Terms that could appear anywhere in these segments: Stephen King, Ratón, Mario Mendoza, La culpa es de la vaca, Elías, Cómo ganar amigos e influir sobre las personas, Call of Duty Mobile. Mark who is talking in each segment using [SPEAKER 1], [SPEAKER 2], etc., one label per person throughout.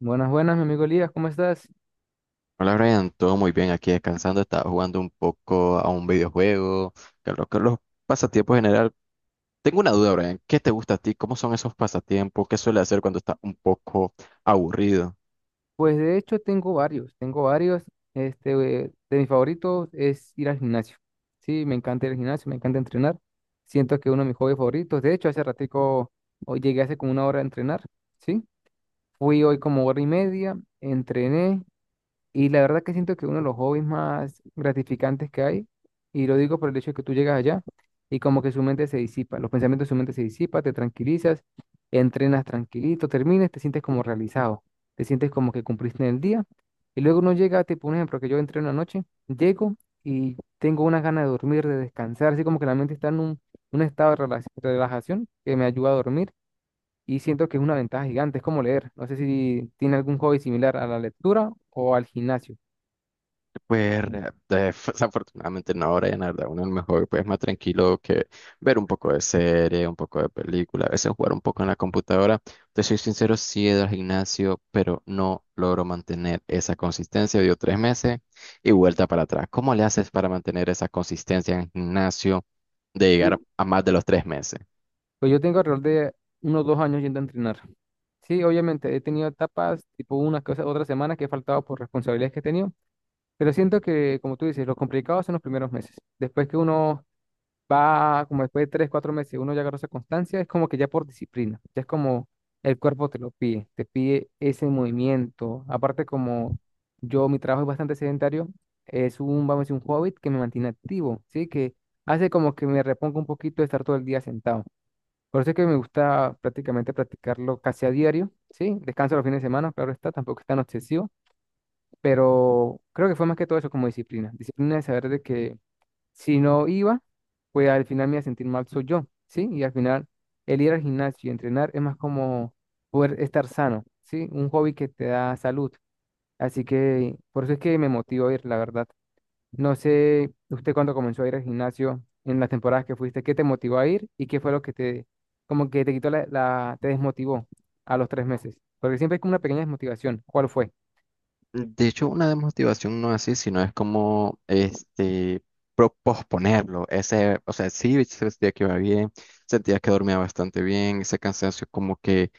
[SPEAKER 1] Buenas, buenas, mi amigo Elías, ¿cómo estás?
[SPEAKER 2] Hola Brian, todo muy bien aquí descansando, estaba jugando un poco a un videojuego. Que lo que los pasatiempos en general. Tengo una duda, Brian, ¿qué te gusta a ti? ¿Cómo son esos pasatiempos? ¿Qué suele hacer cuando estás un poco aburrido?
[SPEAKER 1] Pues de hecho tengo varios, tengo varios. Este, de mis favoritos es ir al gimnasio. Sí, me encanta ir al gimnasio, me encanta entrenar. Siento que es uno de mis hobbies favoritos. De hecho, hace ratico, hoy llegué hace como una hora a entrenar, ¿sí? Fui hoy como hora y media, entrené. Y la verdad que siento que uno de los hobbies más gratificantes que hay, y lo digo por el hecho de que tú llegas allá y como que su mente se disipa, los pensamientos de su mente se disipa, te tranquilizas, entrenas tranquilito, termines, te sientes como realizado, te sientes como que cumpliste en el día. Y luego uno llega, tipo un ejemplo, que yo entré una noche, llego y tengo una ganas de dormir, de descansar, así como que la mente está en un estado de relajación que me ayuda a dormir y siento que es una ventaja gigante, es como leer. No sé si tiene algún hobby similar a la lectura o al gimnasio.
[SPEAKER 2] Pues desafortunadamente no, Brian, la verdad, uno a lo mejor pues más tranquilo que ver un poco de serie, un poco de película, a veces jugar un poco en la computadora. Te soy sincero, sí he ido al gimnasio, pero no logro mantener esa consistencia. Dio tres meses y vuelta para atrás. ¿Cómo le haces para mantener esa consistencia en el gimnasio de llegar
[SPEAKER 1] Sí,
[SPEAKER 2] a más de los tres meses?
[SPEAKER 1] pues yo tengo alrededor de unos 2 años yendo a entrenar. Sí, obviamente he tenido etapas, tipo una cosa, otra semana que he faltado por responsabilidades que he tenido, pero siento que, como tú dices, lo complicado son los primeros meses. Después que uno va, como después de 3, 4 meses, uno ya agarra esa constancia, es como que ya por disciplina, ya es como el cuerpo te lo pide, te pide ese movimiento. Aparte, como yo, mi trabajo es bastante sedentario, es un, vamos a decir, un hobbit que me mantiene activo, ¿sí? Que hace como que me reponga un poquito de estar todo el día sentado. Por eso es que me gusta prácticamente practicarlo casi a diario, ¿sí? Descanso los fines de semana, claro está, tampoco es tan obsesivo, pero creo que fue más que todo eso como disciplina. Disciplina de saber de que si no iba, pues al final me iba a sentir mal soy yo, ¿sí? Y al final el ir al gimnasio y entrenar es más como poder estar sano, ¿sí? Un hobby que te da salud. Así que por eso es que me motiva a ir, la verdad. No sé, usted cuando comenzó a ir al gimnasio, en las temporadas que fuiste, ¿qué te motivó a ir y qué fue lo que te, como que te quitó te desmotivó a los 3 meses? Porque siempre es como una pequeña desmotivación. ¿Cuál fue?
[SPEAKER 2] De hecho, una desmotivación no es así, sino es como posponerlo. Ese, o sea, sí sentía que iba bien, sentía que dormía bastante bien, ese cansancio como que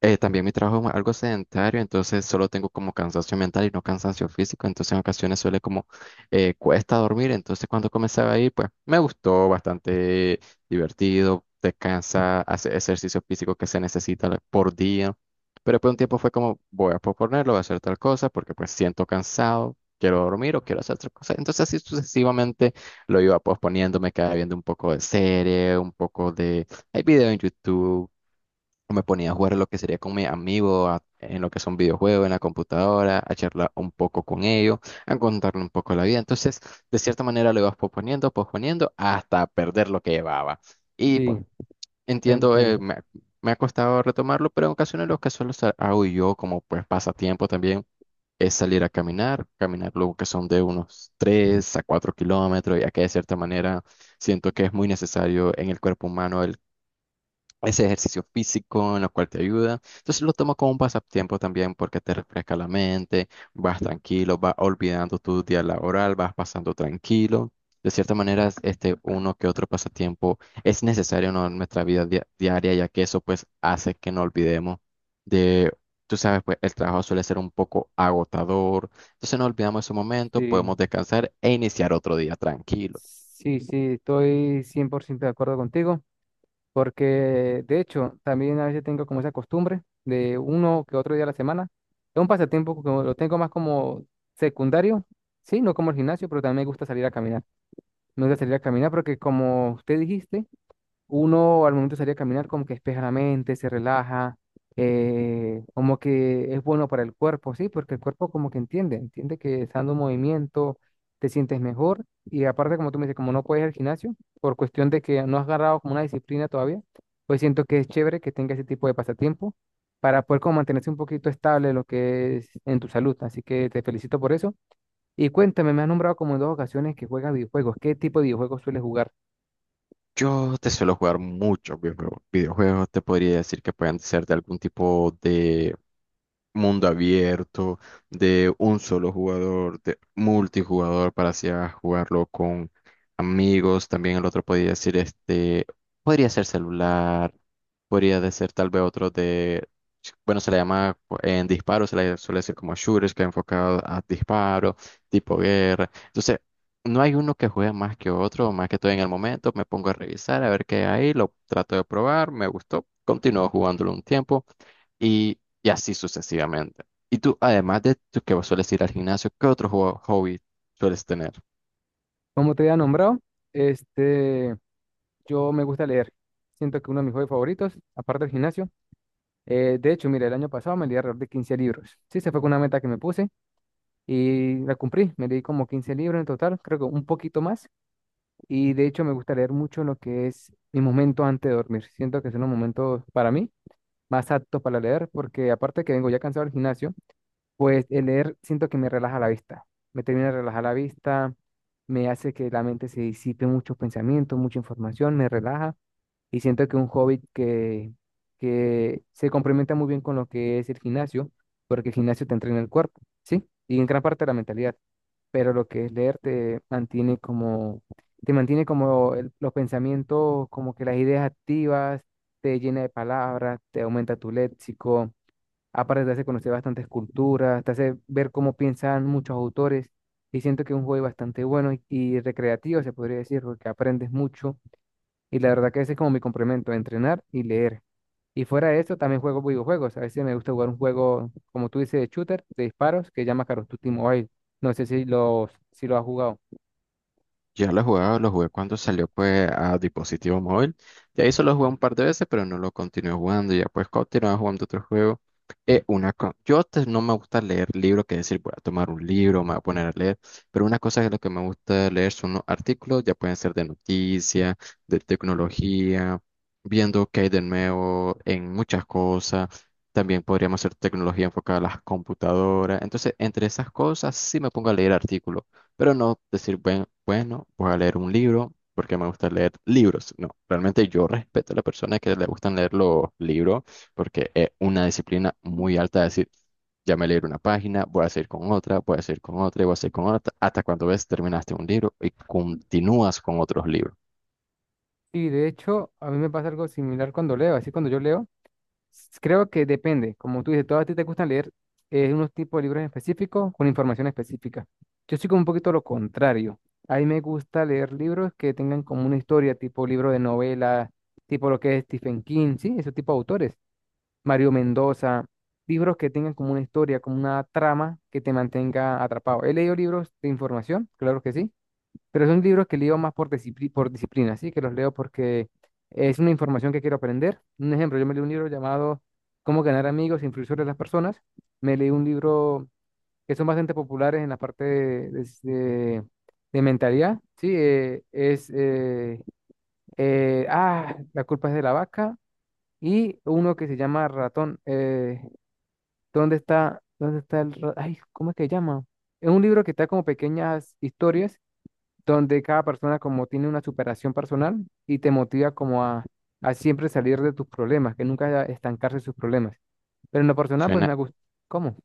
[SPEAKER 2] también mi trabajo es algo sedentario, entonces solo tengo como cansancio mental y no cansancio físico, entonces en ocasiones suele como cuesta dormir. Entonces cuando comenzaba ahí, pues me gustó, bastante divertido, descansa, hace ejercicio físico que se necesita por día. Pero después de un tiempo fue como voy a posponerlo, voy a hacer tal cosa porque pues siento cansado, quiero dormir o quiero hacer otra cosa. Entonces así sucesivamente lo iba posponiendo, me quedaba viendo un poco de serie, un poco de, hay video en YouTube, o me ponía a jugar lo que sería con mi amigo en lo que son videojuegos, en la computadora, a charlar un poco con ellos, a contarle un poco la vida. Entonces, de cierta manera lo ibas posponiendo, posponiendo hasta perder lo que llevaba. Y
[SPEAKER 1] Sí,
[SPEAKER 2] pues,
[SPEAKER 1] te
[SPEAKER 2] entiendo.
[SPEAKER 1] entiendo.
[SPEAKER 2] Me ha costado retomarlo, pero en ocasiones lo que solo hago yo como pues pasatiempo también es salir a caminar, caminar luego que son de unos 3 a 4 kilómetros, ya que de cierta manera siento que es muy necesario en el cuerpo humano ese ejercicio físico en lo cual te ayuda. Entonces lo tomo como un pasatiempo también porque te refresca la mente, vas tranquilo, vas olvidando tu día laboral, vas pasando tranquilo. De cierta manera, es, este uno que otro pasatiempo es necesario, ¿no?, en nuestra vida diaria, ya que eso pues hace que no olvidemos de, tú sabes, pues el trabajo suele ser un poco agotador. Entonces no olvidamos ese momento,
[SPEAKER 1] Sí,
[SPEAKER 2] podemos descansar e iniciar otro día tranquilo.
[SPEAKER 1] sí, sí, estoy 100% de acuerdo contigo, porque de hecho también a veces tengo como esa costumbre de uno que otro día a la semana. Es un pasatiempo que lo tengo más como secundario, sí, no como el gimnasio, pero también me gusta salir a caminar. Nunca salir a caminar, porque como usted dijiste, uno al momento de salir a caminar como que despeja la mente, se relaja, como que es bueno para el cuerpo, sí, porque el cuerpo como que entiende, entiende que estando en movimiento te sientes mejor y aparte como tú me dices, como no puedes ir al gimnasio, por cuestión de que no has agarrado como una disciplina todavía, pues siento que es chévere que tenga ese tipo de pasatiempo para poder como mantenerse un poquito estable lo que es en tu salud, así que te felicito por eso. Y cuéntame, me has nombrado como en dos ocasiones que juegas videojuegos. ¿Qué tipo de videojuegos sueles jugar?
[SPEAKER 2] Yo te suelo jugar muchos videojuegos. Videojuegos te podría decir que pueden ser de algún tipo de mundo abierto, de un solo jugador, de multijugador para así a jugarlo con amigos. También el otro podría decir este, podría ser celular, podría de ser tal vez otro de, bueno, se le llama en disparo, se le suele decir como shooters, que enfocado a disparo, tipo guerra. Entonces, no hay uno que juegue más que otro, más que todo en el momento, me pongo a revisar, a ver qué hay, lo trato de probar, me gustó, continúo jugándolo un tiempo y así sucesivamente. Y tú, además de tú que sueles ir al gimnasio, ¿qué otro hobby sueles tener?
[SPEAKER 1] Como te había nombrado, este, yo me gusta leer. Siento que uno de mis juegos favoritos, aparte del gimnasio. De hecho, mira, el año pasado me leí alrededor de 15 libros. Sí, se fue con una meta que me puse y la cumplí. Me leí como 15 libros en total, creo que un poquito más. Y de hecho, me gusta leer mucho lo que es mi momento antes de dormir. Siento que son los momentos para mí más aptos para leer, porque aparte que vengo ya cansado del gimnasio. Pues el leer siento que me relaja la vista, me termina de relajar la vista, me hace que la mente se disipe muchos pensamientos, mucha información, me relaja y siento que un hobby que se complementa muy bien con lo que es el gimnasio, porque el gimnasio te entrena el cuerpo, ¿sí? Y en gran parte la mentalidad, pero lo que es leer te mantiene como los pensamientos, como que las ideas activas, te llena de palabras, te aumenta tu léxico. Aparte te hace conocer bastantes culturas, te hace ver cómo piensan muchos autores y siento que es un juego bastante bueno y recreativo, se podría decir, porque aprendes mucho y la verdad que ese es como mi complemento, entrenar y leer. Y fuera de eso, también juego videojuegos. A veces me gusta jugar un juego, como tú dices, de shooter, de disparos, que se llama Call of Duty Mobile. No sé si lo, si lo has jugado.
[SPEAKER 2] Yo lo jugaba, lo jugué cuando salió pues a dispositivo móvil. De ahí solo jugué un par de veces, pero no lo continué jugando. Ya pues continuaba jugando otro juego. Una co- Yo te- No me gusta leer libros, que decir, voy a tomar un libro, me voy a poner a leer. Pero una cosa que lo que me gusta leer son los artículos, ya pueden ser de noticias, de tecnología, viendo qué hay de nuevo en muchas cosas. También podríamos hacer tecnología enfocada a las computadoras. Entonces, entre esas cosas, sí me pongo a leer artículos. Pero no decir, bueno, voy a leer un libro porque me gusta leer libros. No, realmente yo respeto a las personas que le gustan leer los libros porque es una disciplina muy alta de decir, ya me leí una página, voy a seguir con otra, voy a seguir con otra y voy a seguir con otra, hasta cuando ves terminaste un libro y continúas con otros libros.
[SPEAKER 1] Y de hecho, a mí me pasa algo similar cuando leo. Así cuando yo leo, creo que depende, como tú dices, todos a ti te gusta leer unos tipos de libros específicos con información específica. Yo soy como un poquito lo contrario. A mí me gusta leer libros que tengan como una historia, tipo libro de novela, tipo lo que es Stephen King, sí, ese tipo de autores, Mario Mendoza, libros que tengan como una historia, como una trama que te mantenga atrapado. He leído libros de información, claro que sí, pero son libros que leo más por disciplina, ¿sí? Que los leo porque es una información que quiero aprender. Un ejemplo, yo me leí un libro llamado Cómo ganar amigos e influir sobre las personas. Me leí un libro que son bastante populares en la parte de mentalidad, ¿sí? La culpa es de la vaca y uno que se llama Ratón. Dónde está el... ra- Ay, ¿cómo es que se llama? Es un libro que está como pequeñas historias donde cada persona como tiene una superación personal y te motiva como a siempre salir de tus problemas, que nunca estancarse en sus problemas. Pero en lo personal, pues
[SPEAKER 2] Suena,
[SPEAKER 1] me gusta. ¿Cómo?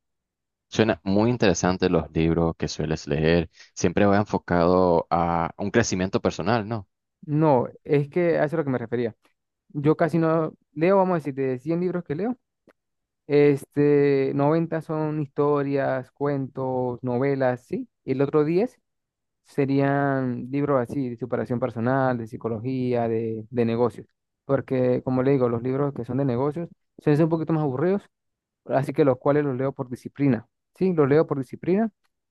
[SPEAKER 2] suena muy interesante los libros que sueles leer. Siempre va enfocado a un crecimiento personal, ¿no?
[SPEAKER 1] No, es que a eso es lo que me refería. Yo casi no leo, vamos a decir, de 100 libros que leo, 90 son historias, cuentos, novelas, sí. Y el otro 10 serían libros así, de superación personal, de psicología, de negocios. Porque, como le digo, los libros que son de negocios suelen ser un poquito más aburridos así que los cuales los leo por disciplina, ¿sí? Los leo por disciplina.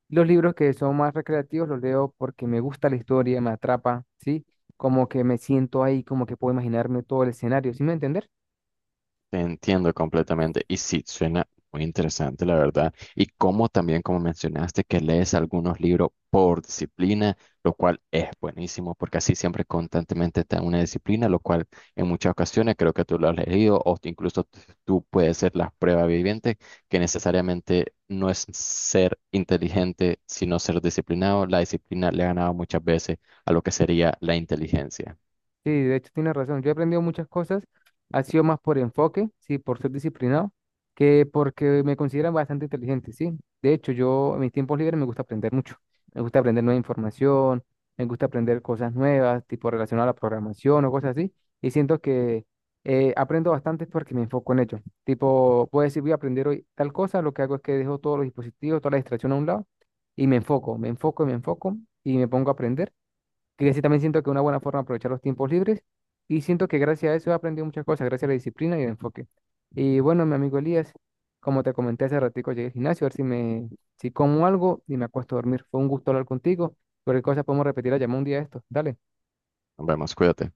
[SPEAKER 1] Los libros que son más recreativos los leo porque me gusta la historia, me atrapa, ¿sí? Como que me siento ahí, como que puedo imaginarme todo el escenario, ¿sí me entiendes?
[SPEAKER 2] Te entiendo completamente. Y sí, suena muy interesante, la verdad. Y como también, como mencionaste, que lees algunos libros por disciplina, lo cual es buenísimo, porque así siempre constantemente está una disciplina, lo cual en muchas ocasiones creo que tú lo has leído, incluso tú puedes ser las pruebas vivientes, que necesariamente no es ser inteligente, sino ser disciplinado. La disciplina le ha ganado muchas veces a lo que sería la inteligencia.
[SPEAKER 1] Sí, de hecho tienes razón. Yo he aprendido muchas cosas. Ha sido más por enfoque, sí, por ser disciplinado, que porque me consideran bastante inteligente, sí. De hecho, yo en mis tiempos libres me gusta aprender mucho. Me gusta aprender nueva información, me gusta aprender cosas nuevas, tipo relacionadas a la programación o cosas así. Y siento que aprendo bastante porque me enfoco en ello. Tipo, puedo decir, voy a aprender hoy tal cosa. Lo que hago es que dejo todos los dispositivos, toda la distracción a un lado y me enfoco y me enfoco y me pongo a aprender que sí también siento que es una buena forma de aprovechar los tiempos libres y siento que gracias a eso he aprendido muchas cosas, gracias a la disciplina y el enfoque. Y bueno, mi amigo Elías, como te comenté hace ratico, llegué al gimnasio a ver si me, si como algo y me acuesto a dormir. Fue un gusto hablar contigo. Cualquier cosa podemos repetir la llamada un día de esto. Dale.
[SPEAKER 2] Nos vemos, cuídate.